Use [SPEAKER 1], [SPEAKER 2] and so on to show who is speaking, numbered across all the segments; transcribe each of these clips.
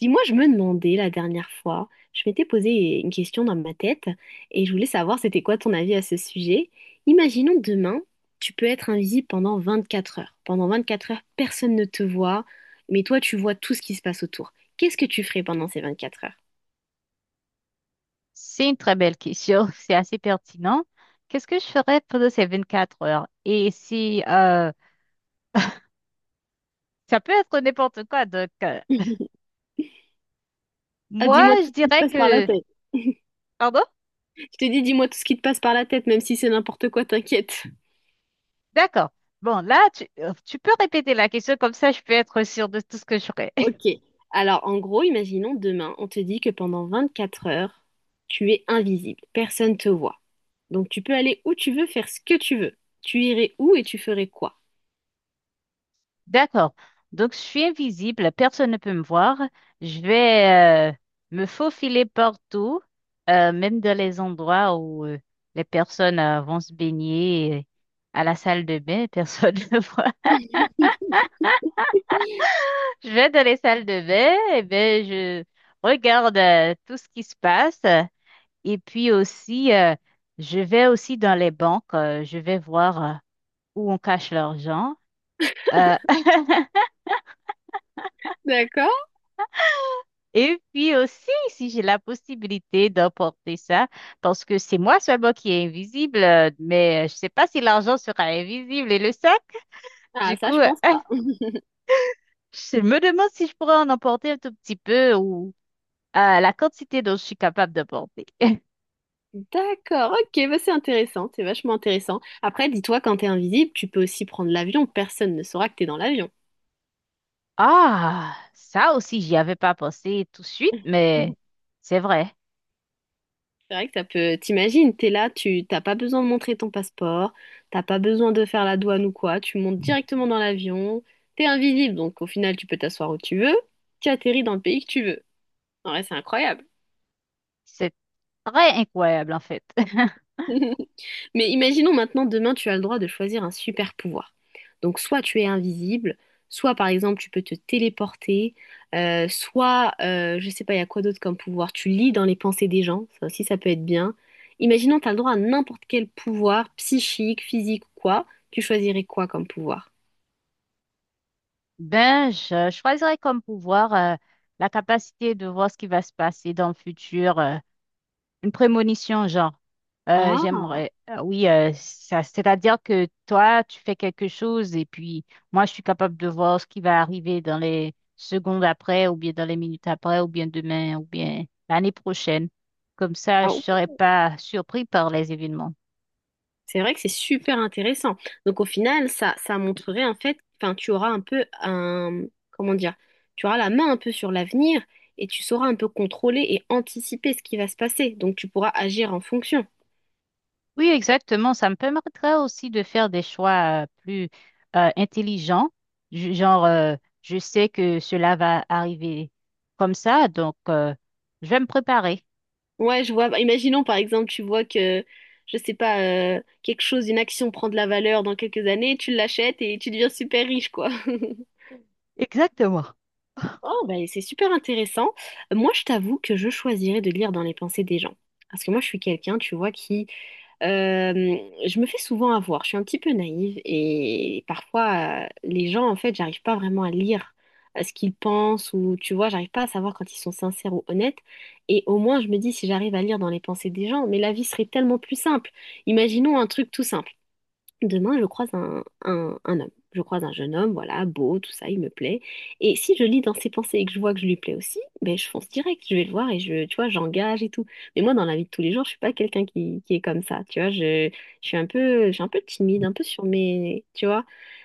[SPEAKER 1] Dis-moi, je me demandais la dernière fois, je m'étais posé une question dans ma tête et je voulais savoir c'était quoi ton avis à ce sujet. Imaginons demain, tu peux être invisible pendant 24 heures. Pendant 24 heures, personne ne te voit, mais toi, tu vois tout ce qui se passe autour. Qu'est-ce que tu ferais pendant ces 24 heures?
[SPEAKER 2] C'est une très belle question, c'est assez pertinent. Qu'est-ce que je ferais pendant ces 24 heures? Et si ça peut être n'importe quoi,
[SPEAKER 1] Ah,
[SPEAKER 2] moi
[SPEAKER 1] dis-moi
[SPEAKER 2] je
[SPEAKER 1] tout ce qui te
[SPEAKER 2] dirais
[SPEAKER 1] passe par la
[SPEAKER 2] que...
[SPEAKER 1] tête.
[SPEAKER 2] Pardon?
[SPEAKER 1] Je te dis, dis-moi tout ce qui te passe par la tête, même si c'est n'importe quoi, t'inquiète.
[SPEAKER 2] D'accord. Bon, là, tu peux répéter la question, comme ça je peux être sûre de tout ce que je ferais.
[SPEAKER 1] Ok. Alors, en gros, imaginons demain, on te dit que pendant 24 heures, tu es invisible, personne te voit. Donc, tu peux aller où tu veux, faire ce que tu veux. Tu irais où et tu ferais quoi?
[SPEAKER 2] D'accord. Donc je suis invisible, personne ne peut me voir. Je vais me faufiler partout, même dans les endroits où les personnes vont se baigner. À la salle de bain, personne ne voit. Je vais dans les salles de bain, et ben je regarde tout ce qui se passe. Et puis aussi, je vais aussi dans les banques, je vais voir où on cache l'argent. euh,
[SPEAKER 1] D'accord?
[SPEAKER 2] et puis aussi, si j'ai la possibilité d'emporter ça, parce que c'est moi seulement qui est invisible, mais je sais pas si l'argent sera invisible et le sac.
[SPEAKER 1] Ah,
[SPEAKER 2] Du
[SPEAKER 1] ça,
[SPEAKER 2] coup,
[SPEAKER 1] je
[SPEAKER 2] euh,
[SPEAKER 1] pense pas.
[SPEAKER 2] je me demande si je pourrais en emporter un tout petit peu ou la quantité dont je suis capable d'emporter.
[SPEAKER 1] D'accord, ok, bah c'est intéressant, c'est vachement intéressant. Après, dis-toi, quand t'es invisible, tu peux aussi prendre l'avion, personne ne saura que t'es dans l'avion.
[SPEAKER 2] Ah, ça aussi, j'y avais pas pensé tout de suite, mais c'est vrai.
[SPEAKER 1] C'est vrai que ça peut, t'imagines, t'es là, tu t'as pas besoin de montrer ton passeport, t'as pas besoin de faire la douane ou quoi, tu montes directement dans l'avion, t'es invisible, donc au final tu peux t'asseoir où tu veux, tu atterris dans le pays que tu veux. En vrai, c'est incroyable.
[SPEAKER 2] C'est très incroyable, en fait.
[SPEAKER 1] Mais imaginons maintenant, demain, tu as le droit de choisir un super pouvoir. Donc, soit tu es invisible, soit par exemple, tu peux te téléporter, soit, je sais pas, il y a quoi d'autre comme pouvoir. Tu lis dans les pensées des gens, ça aussi, ça peut être bien. Imaginons, tu as le droit à n'importe quel pouvoir, psychique, physique ou quoi. Tu choisirais quoi comme pouvoir?
[SPEAKER 2] Ben, je choisirais comme pouvoir la capacité de voir ce qui va se passer dans le futur. Une prémonition, genre,
[SPEAKER 1] Ah,
[SPEAKER 2] j'aimerais, oui, ça, c'est-à-dire que toi, tu fais quelque chose et puis moi, je suis capable de voir ce qui va arriver dans les secondes après, ou bien dans les minutes après, ou bien demain, ou bien l'année prochaine. Comme ça, je
[SPEAKER 1] ah.
[SPEAKER 2] serais pas surpris par les événements.
[SPEAKER 1] C'est vrai que c'est super intéressant. Donc au final, ça montrerait en fait, enfin, tu auras un peu un, comment dire, tu auras la main un peu sur l'avenir et tu sauras un peu contrôler et anticiper ce qui va se passer. Donc tu pourras agir en fonction.
[SPEAKER 2] Oui, exactement. Ça me permettrait aussi de faire des choix plus intelligents. Genre, je sais que cela va arriver comme ça, donc je vais me préparer.
[SPEAKER 1] Ouais, je vois. Bah, imaginons par exemple, tu vois que, je sais pas, quelque chose, une action prend de la valeur dans quelques années, tu l'achètes et tu deviens super riche, quoi.
[SPEAKER 2] Exactement.
[SPEAKER 1] Oh, ben, c'est super intéressant. Moi, je t'avoue que je choisirais de lire dans les pensées des gens. Parce que moi, je suis quelqu'un, tu vois, qui... euh, je me fais souvent avoir. Je suis un petit peu naïve et parfois, les gens, en fait, j'arrive pas vraiment à lire ce qu'ils pensent ou, tu vois, j'arrive pas à savoir quand ils sont sincères ou honnêtes. Et au moins, je me dis, si j'arrive à lire dans les pensées des gens, mais la vie serait tellement plus simple. Imaginons un truc tout simple. Demain, je croise un homme. Je croise un jeune homme, voilà, beau, tout ça, il me plaît. Et si je lis dans ses pensées et que je vois que je lui plais aussi, ben je fonce direct, je vais le voir et je, tu vois, j'engage et tout. Mais moi, dans la vie de tous les jours, je suis pas quelqu'un qui est comme ça, tu vois. Je suis un peu, je suis un peu timide, un peu sur mes, tu vois.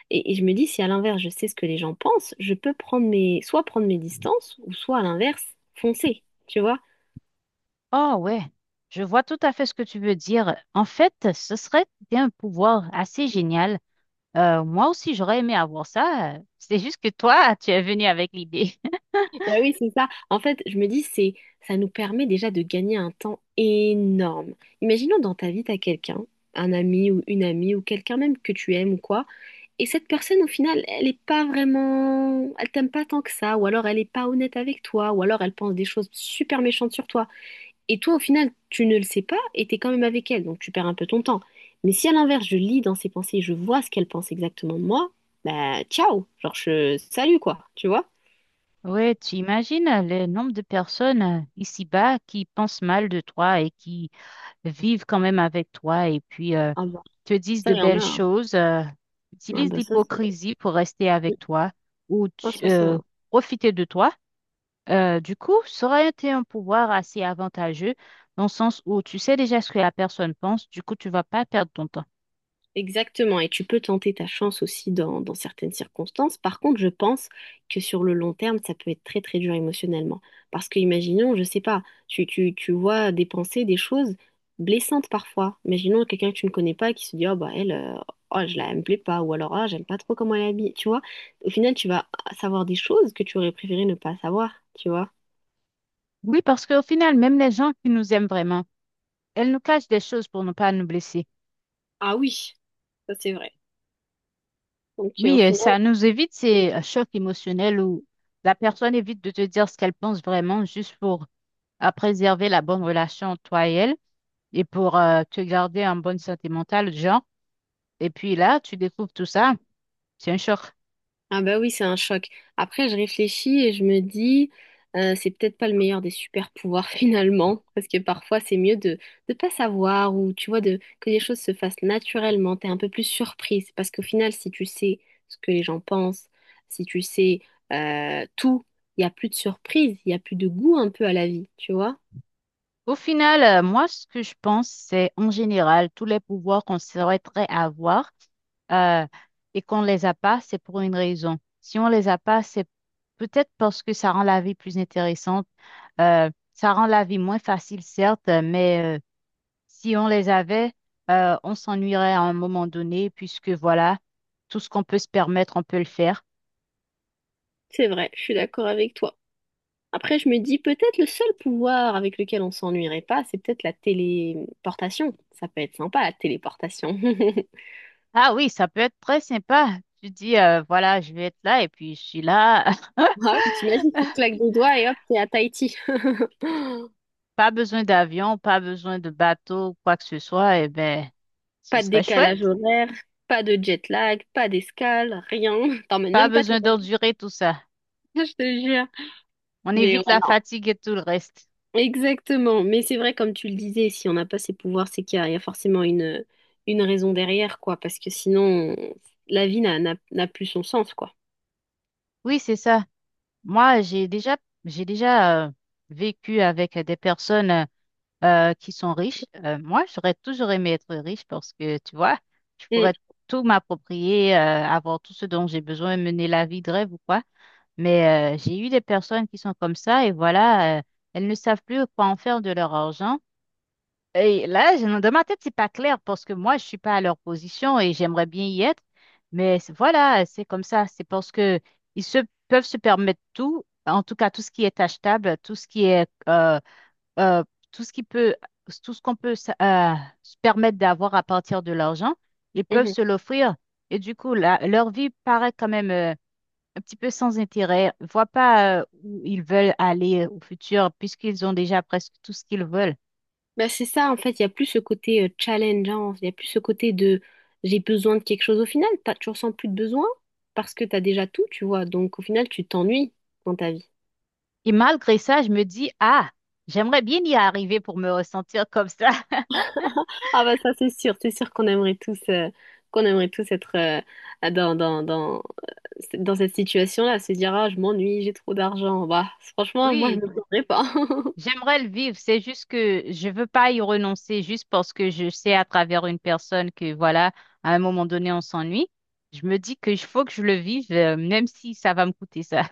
[SPEAKER 1] Et je me dis, si à l'inverse, je sais ce que les gens pensent, je peux prendre mes, soit prendre mes distances, ou soit à l'inverse, foncer, tu vois.
[SPEAKER 2] Oh ouais, je vois tout à fait ce que tu veux dire. En fait, ce serait un pouvoir assez génial. Moi aussi, j'aurais aimé avoir ça. C'est juste que toi, tu es venu avec l'idée.
[SPEAKER 1] Bah oui, c'est ça. En fait, je me dis, c'est, ça nous permet déjà de gagner un temps énorme. Imaginons dans ta vie, t'as quelqu'un, un ami ou une amie ou quelqu'un même que tu aimes ou quoi, et cette personne, au final, elle est pas vraiment, elle t'aime pas tant que ça, ou alors elle est pas honnête avec toi, ou alors elle pense des choses super méchantes sur toi. Et toi, au final, tu ne le sais pas et t'es quand même avec elle, donc tu perds un peu ton temps. Mais si à l'inverse, je lis dans ses pensées, je vois ce qu'elle pense exactement de moi, bah ciao, genre je, salut quoi, tu vois?
[SPEAKER 2] Ouais, tu imagines le nombre de personnes ici-bas qui pensent mal de toi et qui vivent quand même avec toi et puis
[SPEAKER 1] Ah bah,
[SPEAKER 2] te disent
[SPEAKER 1] ça,
[SPEAKER 2] de
[SPEAKER 1] il y en a,
[SPEAKER 2] belles
[SPEAKER 1] hein.
[SPEAKER 2] choses,
[SPEAKER 1] Ah
[SPEAKER 2] utilisent
[SPEAKER 1] bah ça, c'est...
[SPEAKER 2] l'hypocrisie pour rester avec toi ou
[SPEAKER 1] Ah, ça, ça.
[SPEAKER 2] profiter de toi. Du coup, ça aurait été un pouvoir assez avantageux dans le sens où tu sais déjà ce que la personne pense, du coup, tu vas pas perdre ton temps.
[SPEAKER 1] Exactement. Et tu peux tenter ta chance aussi dans, certaines circonstances. Par contre, je pense que sur le long terme, ça peut être très très dur émotionnellement. Parce que imaginons, je sais pas, tu vois des pensées, des choses blessantes parfois. Imaginons quelqu'un que tu ne connais pas qui se dit, oh bah elle, oh, je la, elle me plaît pas. Ou alors, ah, j'aime pas trop comment elle est habillée. Tu vois, au final, tu vas savoir des choses que tu aurais préféré ne pas savoir. Tu vois.
[SPEAKER 2] Oui, parce qu'au final, même les gens qui nous aiment vraiment, elles nous cachent des choses pour ne pas nous blesser.
[SPEAKER 1] Ah oui, ça c'est vrai. Donc, au
[SPEAKER 2] Oui,
[SPEAKER 1] final,
[SPEAKER 2] ça nous évite ces chocs émotionnels où la personne évite de te dire ce qu'elle pense vraiment juste pour préserver la bonne relation entre toi et elle et pour te garder en bonne santé mentale, genre. Et puis là, tu découvres tout ça, c'est un choc.
[SPEAKER 1] ah bah oui, c'est un choc. Après, je réfléchis et je me dis, c'est peut-être pas le meilleur des super pouvoirs finalement, parce que parfois c'est mieux de ne pas savoir ou tu vois de que les choses se fassent naturellement. T'es un peu plus surprise parce qu'au final, si tu sais ce que les gens pensent, si tu sais tout, il y a plus de surprise, il y a plus de goût un peu à la vie, tu vois?
[SPEAKER 2] Au final, moi, ce que je pense, c'est en général, tous les pouvoirs qu'on souhaiterait avoir euh, et qu'on ne les a pas, c'est pour une raison. Si on ne les a pas, c'est peut-être parce que ça rend la vie plus intéressante. Ça rend la vie moins facile, certes, mais si on les avait, on s'ennuierait à un moment donné, puisque voilà, tout ce qu'on peut se permettre, on peut le faire.
[SPEAKER 1] C'est vrai, je suis d'accord avec toi. Après, je me dis peut-être le seul pouvoir avec lequel on s'ennuierait pas, c'est peut-être la téléportation. Ça peut être sympa, la téléportation.
[SPEAKER 2] Ah oui, ça peut être très sympa. Tu dis, voilà, je vais être là et puis je suis là.
[SPEAKER 1] Ah oui, t'imagines, tu claques des doigts et hop, t'es à Tahiti.
[SPEAKER 2] Pas besoin d'avion, pas besoin de bateau, quoi que ce soit, eh ben, ce
[SPEAKER 1] Pas de
[SPEAKER 2] serait
[SPEAKER 1] décalage
[SPEAKER 2] chouette.
[SPEAKER 1] horaire, pas de jet lag, pas d'escale, rien. T'emmènes
[SPEAKER 2] Pas
[SPEAKER 1] même pas tes
[SPEAKER 2] besoin d'endurer tout ça.
[SPEAKER 1] bagages, je te jure.
[SPEAKER 2] On
[SPEAKER 1] Mais ouais,
[SPEAKER 2] évite la
[SPEAKER 1] non.
[SPEAKER 2] fatigue et tout le reste.
[SPEAKER 1] Exactement. Mais c'est vrai, comme tu le disais, si on n'a pas ces pouvoirs, c'est qu'il y a, forcément une, raison derrière, quoi. Parce que sinon, la vie n'a plus son sens, quoi.
[SPEAKER 2] Oui, c'est ça. Moi, j'ai déjà vécu avec des personnes qui sont riches. Moi, j'aurais toujours aimé être riche parce que, tu vois, je
[SPEAKER 1] Mm.
[SPEAKER 2] pourrais tout m'approprier, avoir tout ce dont j'ai besoin, mener la vie de rêve ou quoi. Mais j'ai eu des personnes qui sont comme ça et voilà, elles ne savent plus quoi en faire de leur argent. Et là, dans ma tête, c'est pas clair parce que moi, je suis pas à leur position et j'aimerais bien y être. Mais voilà, c'est comme ça. C'est parce que ils se peuvent se permettre tout, en tout cas tout ce qui est achetable, tout ce qui est, euh, tout ce qui peut, tout ce qu'on peut se permettre d'avoir à partir de l'argent, ils
[SPEAKER 1] Mm,
[SPEAKER 2] peuvent
[SPEAKER 1] mm.
[SPEAKER 2] se l'offrir. Et du coup, leur vie paraît quand même un petit peu sans intérêt. Ils voient pas où ils veulent aller au futur puisqu'ils ont déjà presque tout ce qu'ils veulent.
[SPEAKER 1] Bah c'est ça, en fait, il y a plus ce côté challenge, hein, il y a plus ce côté de j'ai besoin de quelque chose au final, t'as, tu ressens plus de besoin parce que tu as déjà tout, tu vois, donc au final, tu t'ennuies dans ta vie.
[SPEAKER 2] Et malgré ça, je me dis, ah, j'aimerais bien y arriver pour me ressentir comme ça.
[SPEAKER 1] Ah bah ça, c'est sûr qu'on aimerait tous être dans, dans cette situation-là, se dire, ah, je m'ennuie, j'ai trop d'argent. Bah, franchement, moi, je me
[SPEAKER 2] Oui,
[SPEAKER 1] plaindrais pas.
[SPEAKER 2] j'aimerais le vivre. C'est juste que je veux pas y renoncer juste parce que je sais à travers une personne que, voilà, à un moment donné, on s'ennuie. Je me dis qu'il faut que je le vive, même si ça va me coûter ça.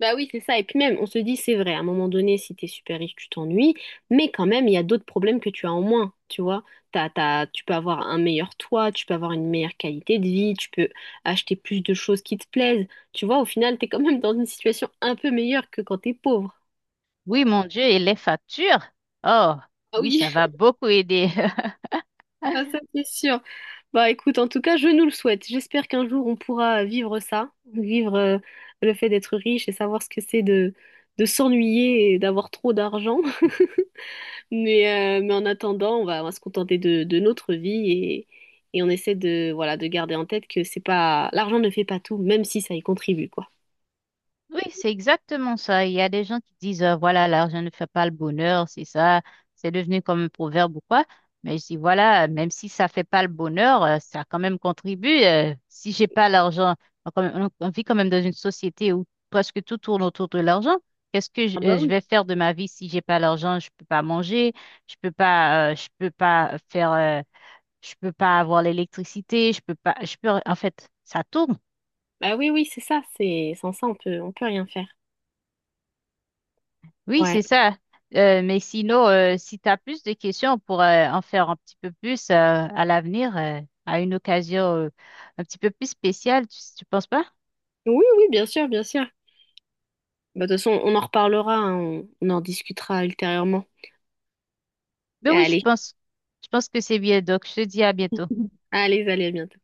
[SPEAKER 1] Bah oui, c'est ça. Et puis même, on se dit, c'est vrai, à un moment donné, si t'es super riche, tu t'ennuies, mais quand même, il y a d'autres problèmes que tu as en moins, tu vois. Tu peux avoir un meilleur toit, tu peux avoir une meilleure qualité de vie, tu peux acheter plus de choses qui te plaisent. Tu vois, au final, t'es quand même dans une situation un peu meilleure que quand t'es pauvre.
[SPEAKER 2] Oui, mon Dieu, et les factures. Oh,
[SPEAKER 1] Ah
[SPEAKER 2] oui,
[SPEAKER 1] oui,
[SPEAKER 2] ça va beaucoup aider.
[SPEAKER 1] ah, ça c'est sûr. Bah écoute, en tout cas, je nous le souhaite. J'espère qu'un jour, on pourra vivre ça, vivre le fait d'être riche et savoir ce que c'est de, s'ennuyer et d'avoir trop d'argent. Mais en attendant, on va se contenter de, notre vie et on essaie de, voilà, de garder en tête que c'est pas, l'argent ne fait pas tout, même si ça y contribue, quoi.
[SPEAKER 2] Oui, c'est exactement ça. Il y a des gens qui disent, voilà, l'argent ne fait pas le bonheur, c'est ça, c'est devenu comme un proverbe ou quoi. Mais je dis, voilà, même si ça fait pas le bonheur, ça quand même contribue. Si j'ai pas l'argent, on, quand même- on vit quand même dans une société où presque tout tourne autour de l'argent. Qu'est-ce que
[SPEAKER 1] Ah bah
[SPEAKER 2] je
[SPEAKER 1] oui.
[SPEAKER 2] vais faire de ma vie si j'ai pas l'argent? Je peux pas manger, je peux pas faire, je peux pas avoir l'électricité, je peux pas, je peux, en fait, ça tourne.
[SPEAKER 1] Bah oui, oui, c'est ça, c'est sans ça, on peut rien faire.
[SPEAKER 2] Oui,
[SPEAKER 1] Ouais.
[SPEAKER 2] c'est ça. Mais sinon, si tu as plus de questions, on pourrait en faire un petit peu plus à l'avenir, à une occasion un petit peu plus spéciale, tu penses pas?
[SPEAKER 1] Oui, oui, bien sûr, bien sûr. Bah, de toute façon, on en reparlera, hein, on en discutera ultérieurement.
[SPEAKER 2] Mais oui,
[SPEAKER 1] Allez,
[SPEAKER 2] je pense que c'est bien. Donc, je te dis à bientôt.
[SPEAKER 1] allez, allez, à bientôt.